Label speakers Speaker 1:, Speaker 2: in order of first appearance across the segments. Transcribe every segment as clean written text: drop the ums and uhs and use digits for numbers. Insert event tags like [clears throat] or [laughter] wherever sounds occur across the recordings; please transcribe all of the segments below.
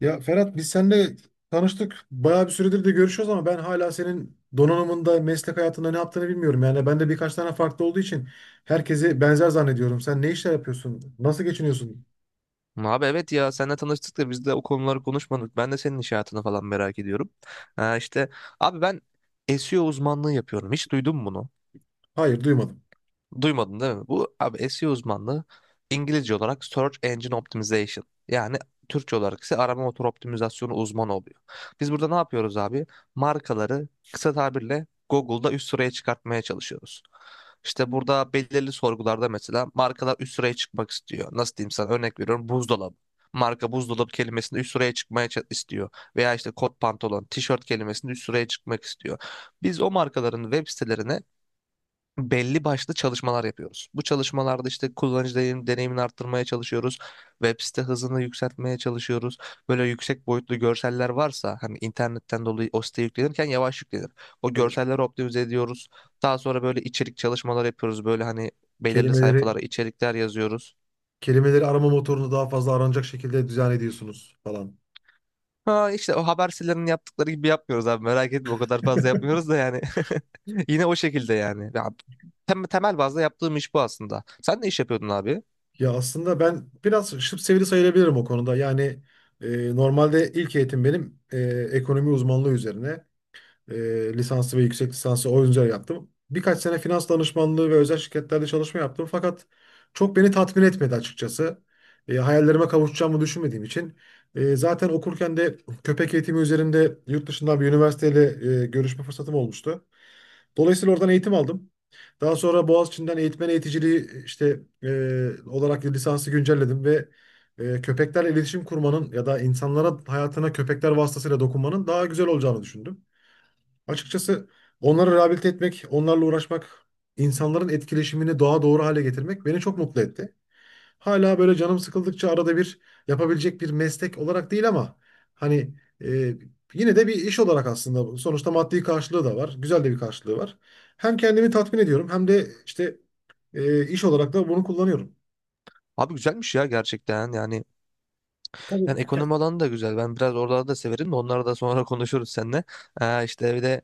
Speaker 1: Ya Ferhat biz seninle tanıştık. Bayağı bir süredir de görüşüyoruz ama ben hala senin donanımında, meslek hayatında ne yaptığını bilmiyorum. Yani ben de birkaç tane farklı olduğu için herkesi benzer zannediyorum. Sen ne işler yapıyorsun? Nasıl geçiniyorsun?
Speaker 2: Abi, evet ya, seninle tanıştık da biz de o konuları konuşmadık. Ben de senin iş hayatını falan merak ediyorum. Ha, işte abi ben SEO uzmanlığı yapıyorum. Hiç duydun mu bunu?
Speaker 1: Hayır, duymadım.
Speaker 2: Duymadın değil mi? Bu abi SEO uzmanlığı İngilizce olarak Search Engine Optimization. Yani Türkçe olarak ise arama motoru optimizasyonu uzmanı oluyor. Biz burada ne yapıyoruz abi? Markaları kısa tabirle Google'da üst sıraya çıkartmaya çalışıyoruz. İşte burada belirli sorgularda mesela markalar üst sıraya çıkmak istiyor. Nasıl diyeyim sana, örnek veriyorum, buzdolabı. Marka buzdolabı kelimesinde üst sıraya istiyor. Veya işte kot pantolon, tişört kelimesinde üst sıraya çıkmak istiyor. Biz o markaların web sitelerine belli başlı çalışmalar yapıyoruz. Bu çalışmalarda işte deneyimini arttırmaya çalışıyoruz. Web site hızını yükseltmeye çalışıyoruz. Böyle yüksek boyutlu görseller varsa hani internetten dolayı o siteye yüklenirken yavaş yüklenir. O
Speaker 1: Evet.
Speaker 2: görselleri optimize ediyoruz. Daha sonra böyle içerik çalışmalar yapıyoruz. Böyle hani belirli
Speaker 1: Kelimeleri
Speaker 2: sayfalara içerikler yazıyoruz.
Speaker 1: kelimeleri arama motorunu daha fazla aranacak şekilde düzen ediyorsunuz falan.
Speaker 2: Ha işte o haber sitelerinin yaptıkları gibi yapmıyoruz abi, merak etme, o kadar fazla
Speaker 1: [laughs]
Speaker 2: yapmıyoruz da yani. [laughs] Yine o şekilde yani. Ya, temel bazda yaptığım iş bu aslında. Sen ne iş yapıyordun abi?
Speaker 1: Ya aslında ben biraz şıp sevdi sayılabilirim o konuda. Yani normalde ilk eğitim benim ekonomi uzmanlığı üzerine. E, lisansı ve yüksek lisansı oyuncular yaptım. Birkaç sene finans danışmanlığı ve özel şirketlerde çalışma yaptım. Fakat çok beni tatmin etmedi açıkçası. Hayallerime kavuşacağımı düşünmediğim için. Zaten okurken de köpek eğitimi üzerinde yurt dışından bir üniversiteyle görüşme fırsatım olmuştu. Dolayısıyla oradan eğitim aldım. Daha sonra Boğaziçi'nden eğitmen eğiticiliği işte olarak lisansı güncelledim ve köpeklerle iletişim kurmanın ya da insanlara hayatına köpekler vasıtasıyla dokunmanın daha güzel olacağını düşündüm. Açıkçası onları rehabilite etmek, onlarla uğraşmak, insanların etkileşimini daha doğru hale getirmek beni çok mutlu etti. Hala böyle canım sıkıldıkça arada bir yapabilecek bir meslek olarak değil ama hani e, yine de bir iş olarak aslında bu. Sonuçta maddi karşılığı da var. Güzel de bir karşılığı var. Hem kendimi tatmin ediyorum hem de işte iş olarak da bunu kullanıyorum.
Speaker 2: Abi güzelmiş ya gerçekten, yani
Speaker 1: Tabii
Speaker 2: ekonomi alanı da güzel. Ben biraz oralarda da severim de, onları da sonra [laughs] konuşuruz seninle. İşte bir de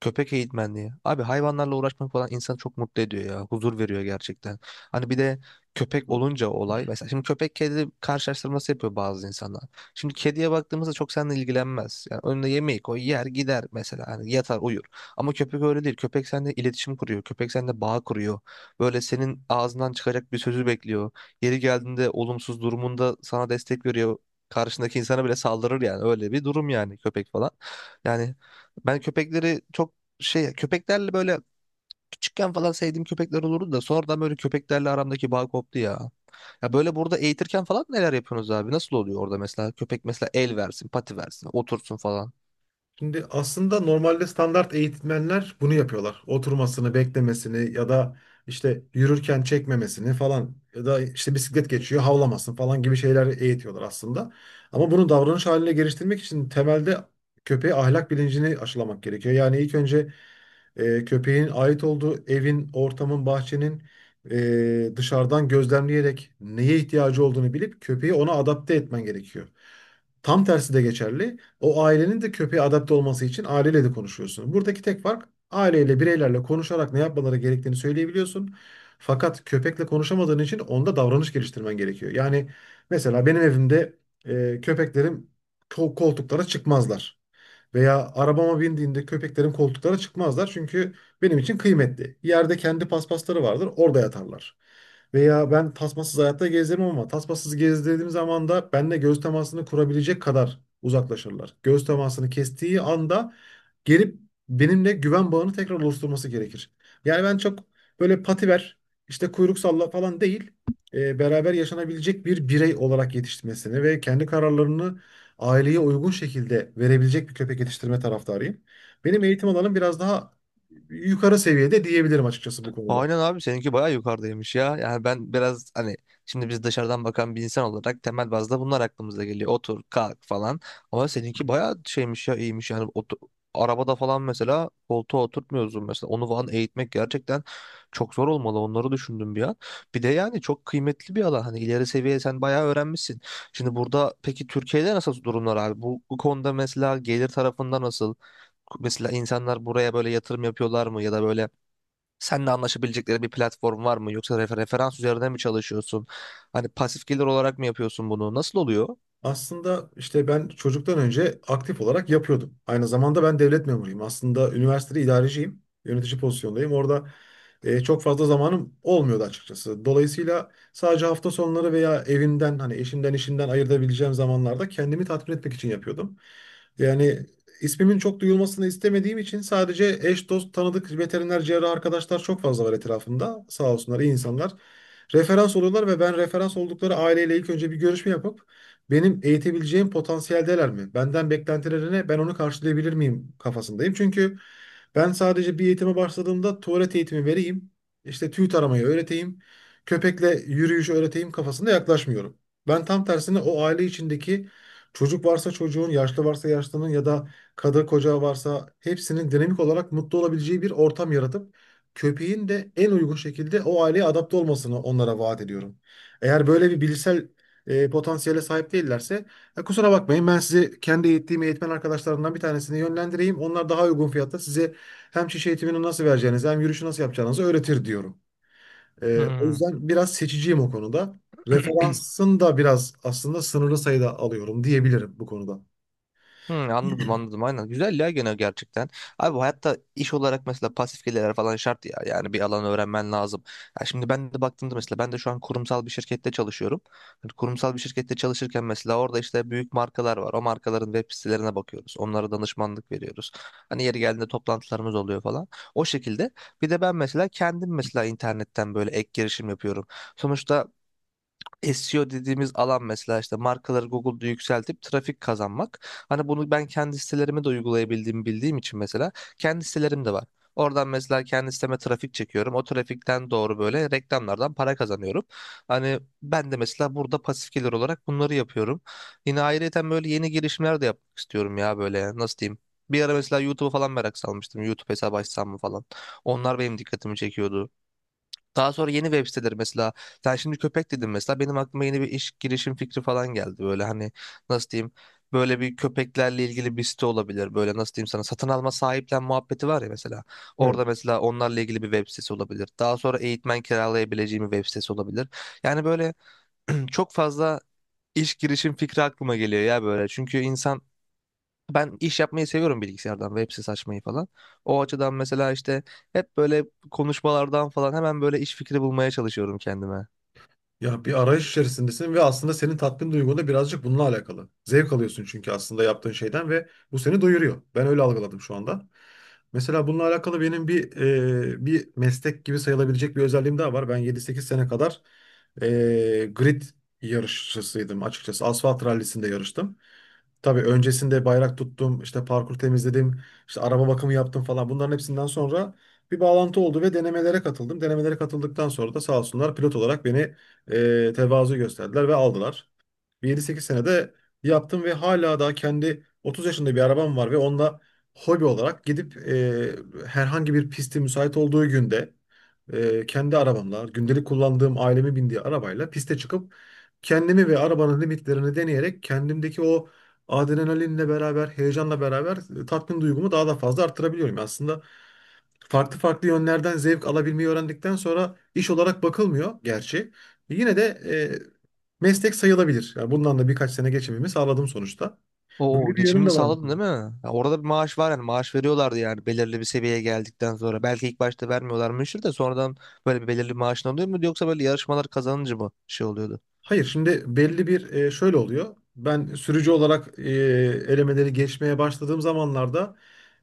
Speaker 2: köpek eğitmenliği. Abi hayvanlarla uğraşmak falan insanı çok mutlu ediyor ya. Huzur veriyor gerçekten. Hani bir de köpek olunca olay. Mesela şimdi köpek kedi karşılaştırması yapıyor bazı insanlar. Şimdi kediye baktığımızda çok seninle ilgilenmez. Yani önüne yemeği koy yer gider mesela. Hani yatar uyur. Ama köpek öyle değil. Köpek seninle iletişim kuruyor. Köpek seninle bağ kuruyor. Böyle senin ağzından çıkacak bir sözü bekliyor. Yeri geldiğinde olumsuz durumunda sana destek veriyor. Karşındaki insana bile saldırır yani. Öyle bir durum yani, köpek falan. Yani ben köpekleri çok köpeklerle böyle küçükken falan sevdiğim köpekler olurdu da sonradan böyle köpeklerle aramdaki bağ koptu ya. Ya böyle burada eğitirken falan neler yapıyorsunuz abi? Nasıl oluyor orada mesela? Köpek mesela el versin, pati versin, otursun falan.
Speaker 1: Şimdi aslında normalde standart eğitmenler bunu yapıyorlar. Oturmasını, beklemesini ya da işte yürürken çekmemesini falan ya da işte bisiklet geçiyor havlamasın falan gibi şeyler eğitiyorlar aslında. Ama bunu davranış haline geliştirmek için temelde köpeğe ahlak bilincini aşılamak gerekiyor. Yani ilk önce köpeğin ait olduğu evin, ortamın, bahçenin dışarıdan gözlemleyerek neye ihtiyacı olduğunu bilip köpeği ona adapte etmen gerekiyor. Tam tersi de geçerli. O ailenin de köpeğe adapte olması için aileyle de konuşuyorsun. Buradaki tek fark aileyle, bireylerle konuşarak ne yapmaları gerektiğini söyleyebiliyorsun. Fakat köpekle konuşamadığın için onda davranış geliştirmen gerekiyor. Yani mesela benim evimde köpeklerim koltuklara çıkmazlar. Veya arabama bindiğimde köpeklerim koltuklara çıkmazlar çünkü benim için kıymetli. Yerde kendi paspasları vardır, orada yatarlar. Veya ben tasmasız hayatta gezerim ama tasmasız gezdirdiğim zaman da benimle göz temasını kurabilecek kadar uzaklaşırlar. Göz temasını kestiği anda gelip benimle güven bağını tekrar oluşturması gerekir. Yani ben çok böyle pativer, işte kuyruk salla falan değil, beraber yaşanabilecek bir birey olarak yetiştirmesini ve kendi kararlarını aileye uygun şekilde verebilecek bir köpek yetiştirme taraftarıyım. Benim eğitim alanım biraz daha yukarı seviyede diyebilirim açıkçası bu konuda.
Speaker 2: Aynen abi, seninki bayağı yukarıdaymış ya. Yani ben biraz hani, şimdi biz dışarıdan bakan bir insan olarak temel bazda bunlar aklımıza geliyor. Otur, kalk falan. Ama seninki bayağı şeymiş ya, iyiymiş yani. Arabada falan mesela koltuğa oturtmuyorsun mesela. Onu falan eğitmek gerçekten çok zor olmalı. Onları düşündüm bir an. Bir de yani çok kıymetli bir alan. Hani ileri seviye, sen bayağı öğrenmişsin. Şimdi burada peki Türkiye'de nasıl durumlar abi? Bu konuda mesela gelir tarafında nasıl? Mesela insanlar buraya böyle yatırım yapıyorlar mı, ya da böyle seninle anlaşabilecekleri bir platform var mı? Yoksa referans üzerine mi çalışıyorsun? Hani pasif gelir olarak mı yapıyorsun bunu? Nasıl oluyor?
Speaker 1: Aslında işte ben çocuktan önce aktif olarak yapıyordum. Aynı zamanda ben devlet memuruyum. Aslında üniversitede idareciyim. Yönetici pozisyondayım. Orada çok fazla zamanım olmuyordu açıkçası. Dolayısıyla sadece hafta sonları veya evimden hani eşimden işimden ayırabileceğim zamanlarda kendimi tatmin etmek için yapıyordum. Yani ismimin çok duyulmasını istemediğim için sadece eş, dost, tanıdık, veteriner, cerrah arkadaşlar çok fazla var etrafımda. Sağ olsunlar iyi insanlar. Referans oluyorlar ve ben referans oldukları aileyle ilk önce bir görüşme yapıp benim eğitebileceğim potansiyeldeler mi? Benden beklentileri ne? Ben onu karşılayabilir miyim kafasındayım. Çünkü ben sadece bir eğitime başladığımda tuvalet eğitimi vereyim, işte tüy taramayı öğreteyim, köpekle yürüyüş öğreteyim kafasında yaklaşmıyorum. Ben tam tersine o aile içindeki çocuk varsa çocuğun, yaşlı varsa yaşlının ya da kadın koca varsa hepsinin dinamik olarak mutlu olabileceği bir ortam yaratıp köpeğin de en uygun şekilde o aileye adapte olmasını onlara vaat ediyorum. Eğer böyle bir bilişsel potansiyele sahip değillerse kusura bakmayın ben sizi kendi eğittiğim eğitmen arkadaşlarımdan bir tanesine yönlendireyim. Onlar daha uygun fiyatta size hem şiş eğitimini nasıl vereceğinizi hem yürüyüşü nasıl yapacağınızı öğretir diyorum. O
Speaker 2: Hmm.
Speaker 1: yüzden biraz seçiciyim o konuda.
Speaker 2: [clears throat]
Speaker 1: Referansın da biraz aslında sınırlı sayıda alıyorum diyebilirim bu konuda.
Speaker 2: Hı, anladım,
Speaker 1: [clears throat]
Speaker 2: aynen. Güzel ya, gene gerçekten. Abi bu hayatta iş olarak mesela pasif gelirler falan şart ya. Yani bir alan öğrenmen lazım. Ya şimdi ben de baktığımda mesela, ben de şu an kurumsal bir şirkette çalışıyorum. Hani kurumsal bir şirkette çalışırken mesela orada işte büyük markalar var. O markaların web sitelerine bakıyoruz. Onlara danışmanlık veriyoruz. Hani yeri geldiğinde toplantılarımız oluyor falan. O şekilde. Bir de ben mesela kendim, mesela internetten böyle ek girişim yapıyorum. Sonuçta SEO dediğimiz alan mesela işte markaları Google'da yükseltip trafik kazanmak. Hani bunu ben kendi sitelerime de uygulayabildiğimi bildiğim için mesela kendi sitelerim de var. Oradan mesela kendi siteme trafik çekiyorum. O trafikten doğru böyle reklamlardan para kazanıyorum. Hani ben de mesela burada pasif gelir olarak bunları yapıyorum. Yine ayrıyeten böyle yeni girişimler de yapmak istiyorum ya, böyle nasıl diyeyim. Bir ara mesela YouTube'u falan merak salmıştım. YouTube hesabı açsam mı falan. Onlar benim dikkatimi çekiyordu. Daha sonra yeni web siteleri mesela, sen şimdi köpek dedin mesela benim aklıma yeni bir iş girişim fikri falan geldi. Böyle hani nasıl diyeyim, böyle bir köpeklerle ilgili bir site olabilir. Böyle nasıl diyeyim sana, satın alma sahiplen muhabbeti var ya mesela.
Speaker 1: Evet.
Speaker 2: Orada mesela onlarla ilgili bir web sitesi olabilir. Daha sonra eğitmen kiralayabileceğim bir web sitesi olabilir. Yani böyle [clears throat] çok fazla iş girişim fikri aklıma geliyor ya böyle. Çünkü insan, ben iş yapmayı seviyorum, bilgisayardan web sitesi açmayı falan. O açıdan mesela işte hep böyle konuşmalardan falan hemen böyle iş fikri bulmaya çalışıyorum kendime.
Speaker 1: Ya bir arayış içerisindesin ve aslında senin tatmin duygun da birazcık bununla alakalı. Zevk alıyorsun çünkü aslında yaptığın şeyden ve bu seni doyuruyor. Ben öyle algıladım şu anda. Mesela bununla alakalı benim bir meslek gibi sayılabilecek bir özelliğim daha var. Ben 7-8 sene kadar grid yarışçısıydım açıkçası. Asfalt rallisinde yarıştım. Tabii öncesinde bayrak tuttum, işte parkur temizledim, işte araba bakımı yaptım falan. Bunların hepsinden sonra bir bağlantı oldu ve denemelere katıldım. Denemelere katıldıktan sonra da sağ olsunlar pilot olarak beni tevazu gösterdiler ve aldılar. Bir 7-8 senede yaptım ve hala daha kendi 30 yaşında bir arabam var ve onunla hobi olarak gidip herhangi bir pisti müsait olduğu günde kendi arabamla, gündelik kullandığım ailemin bindiği arabayla piste çıkıp kendimi ve arabanın limitlerini deneyerek kendimdeki o adrenalinle beraber, heyecanla beraber tatmin duygumu daha da fazla arttırabiliyorum. Aslında farklı farklı yönlerden zevk alabilmeyi öğrendikten sonra iş olarak bakılmıyor gerçi. Yine de meslek sayılabilir. Yani bundan da birkaç sene geçimimi sağladım sonuçta. Böyle
Speaker 2: Oo,
Speaker 1: bir yönüm
Speaker 2: geçimini
Speaker 1: de var.
Speaker 2: sağladın değil mi? Ya orada bir maaş var yani, maaş veriyorlardı yani belirli bir seviyeye geldikten sonra. Belki ilk başta vermiyorlarmıştır da sonradan böyle bir belirli maaşın oluyor mu, yoksa böyle yarışmalar kazanınca mı şey oluyordu?
Speaker 1: Hayır, şimdi belli bir şöyle oluyor. Ben sürücü olarak elemeleri geçmeye başladığım zamanlarda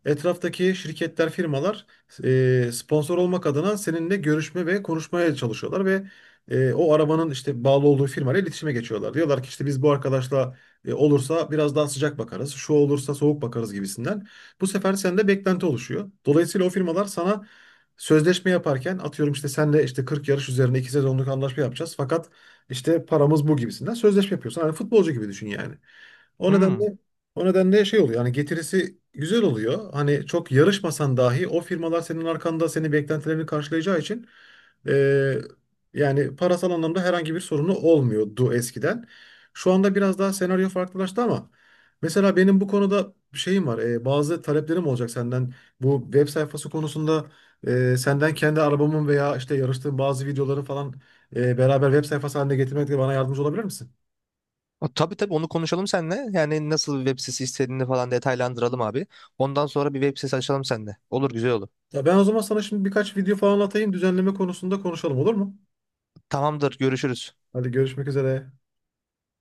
Speaker 1: etraftaki şirketler, firmalar sponsor olmak adına seninle görüşme ve konuşmaya çalışıyorlar ve o arabanın işte bağlı olduğu firmayla iletişime geçiyorlar. Diyorlar ki işte biz bu arkadaşla olursa biraz daha sıcak bakarız, şu olursa soğuk bakarız gibisinden. Bu sefer sende beklenti oluşuyor. Dolayısıyla o firmalar sana sözleşme yaparken atıyorum işte senle işte 40 yarış üzerine 2 sezonluk anlaşma yapacağız. Fakat işte paramız bu gibisinden sözleşme yapıyorsun. Hani futbolcu gibi düşün yani. O
Speaker 2: Hmm.
Speaker 1: nedenle o nedenle şey oluyor. Hani getirisi güzel oluyor. Hani çok yarışmasan dahi o firmalar senin arkanda senin beklentilerini karşılayacağı için eee, yani parasal anlamda herhangi bir sorunu olmuyordu eskiden. Şu anda biraz daha senaryo farklılaştı ama mesela benim bu konuda bir şeyim var. Bazı taleplerim olacak senden. Bu web sayfası konusunda senden kendi arabamın veya işte yarıştığım bazı videoların falan beraber web sayfası haline getirmekte bana yardımcı olabilir misin?
Speaker 2: O, tabii tabii, onu konuşalım seninle. Yani nasıl bir web sitesi istediğini falan detaylandıralım abi. Ondan sonra bir web sitesi açalım seninle. Olur, güzel olur.
Speaker 1: Ya ben o zaman sana şimdi birkaç video falan atayım düzenleme konusunda konuşalım olur mu?
Speaker 2: Tamamdır, görüşürüz.
Speaker 1: Hadi görüşmek üzere.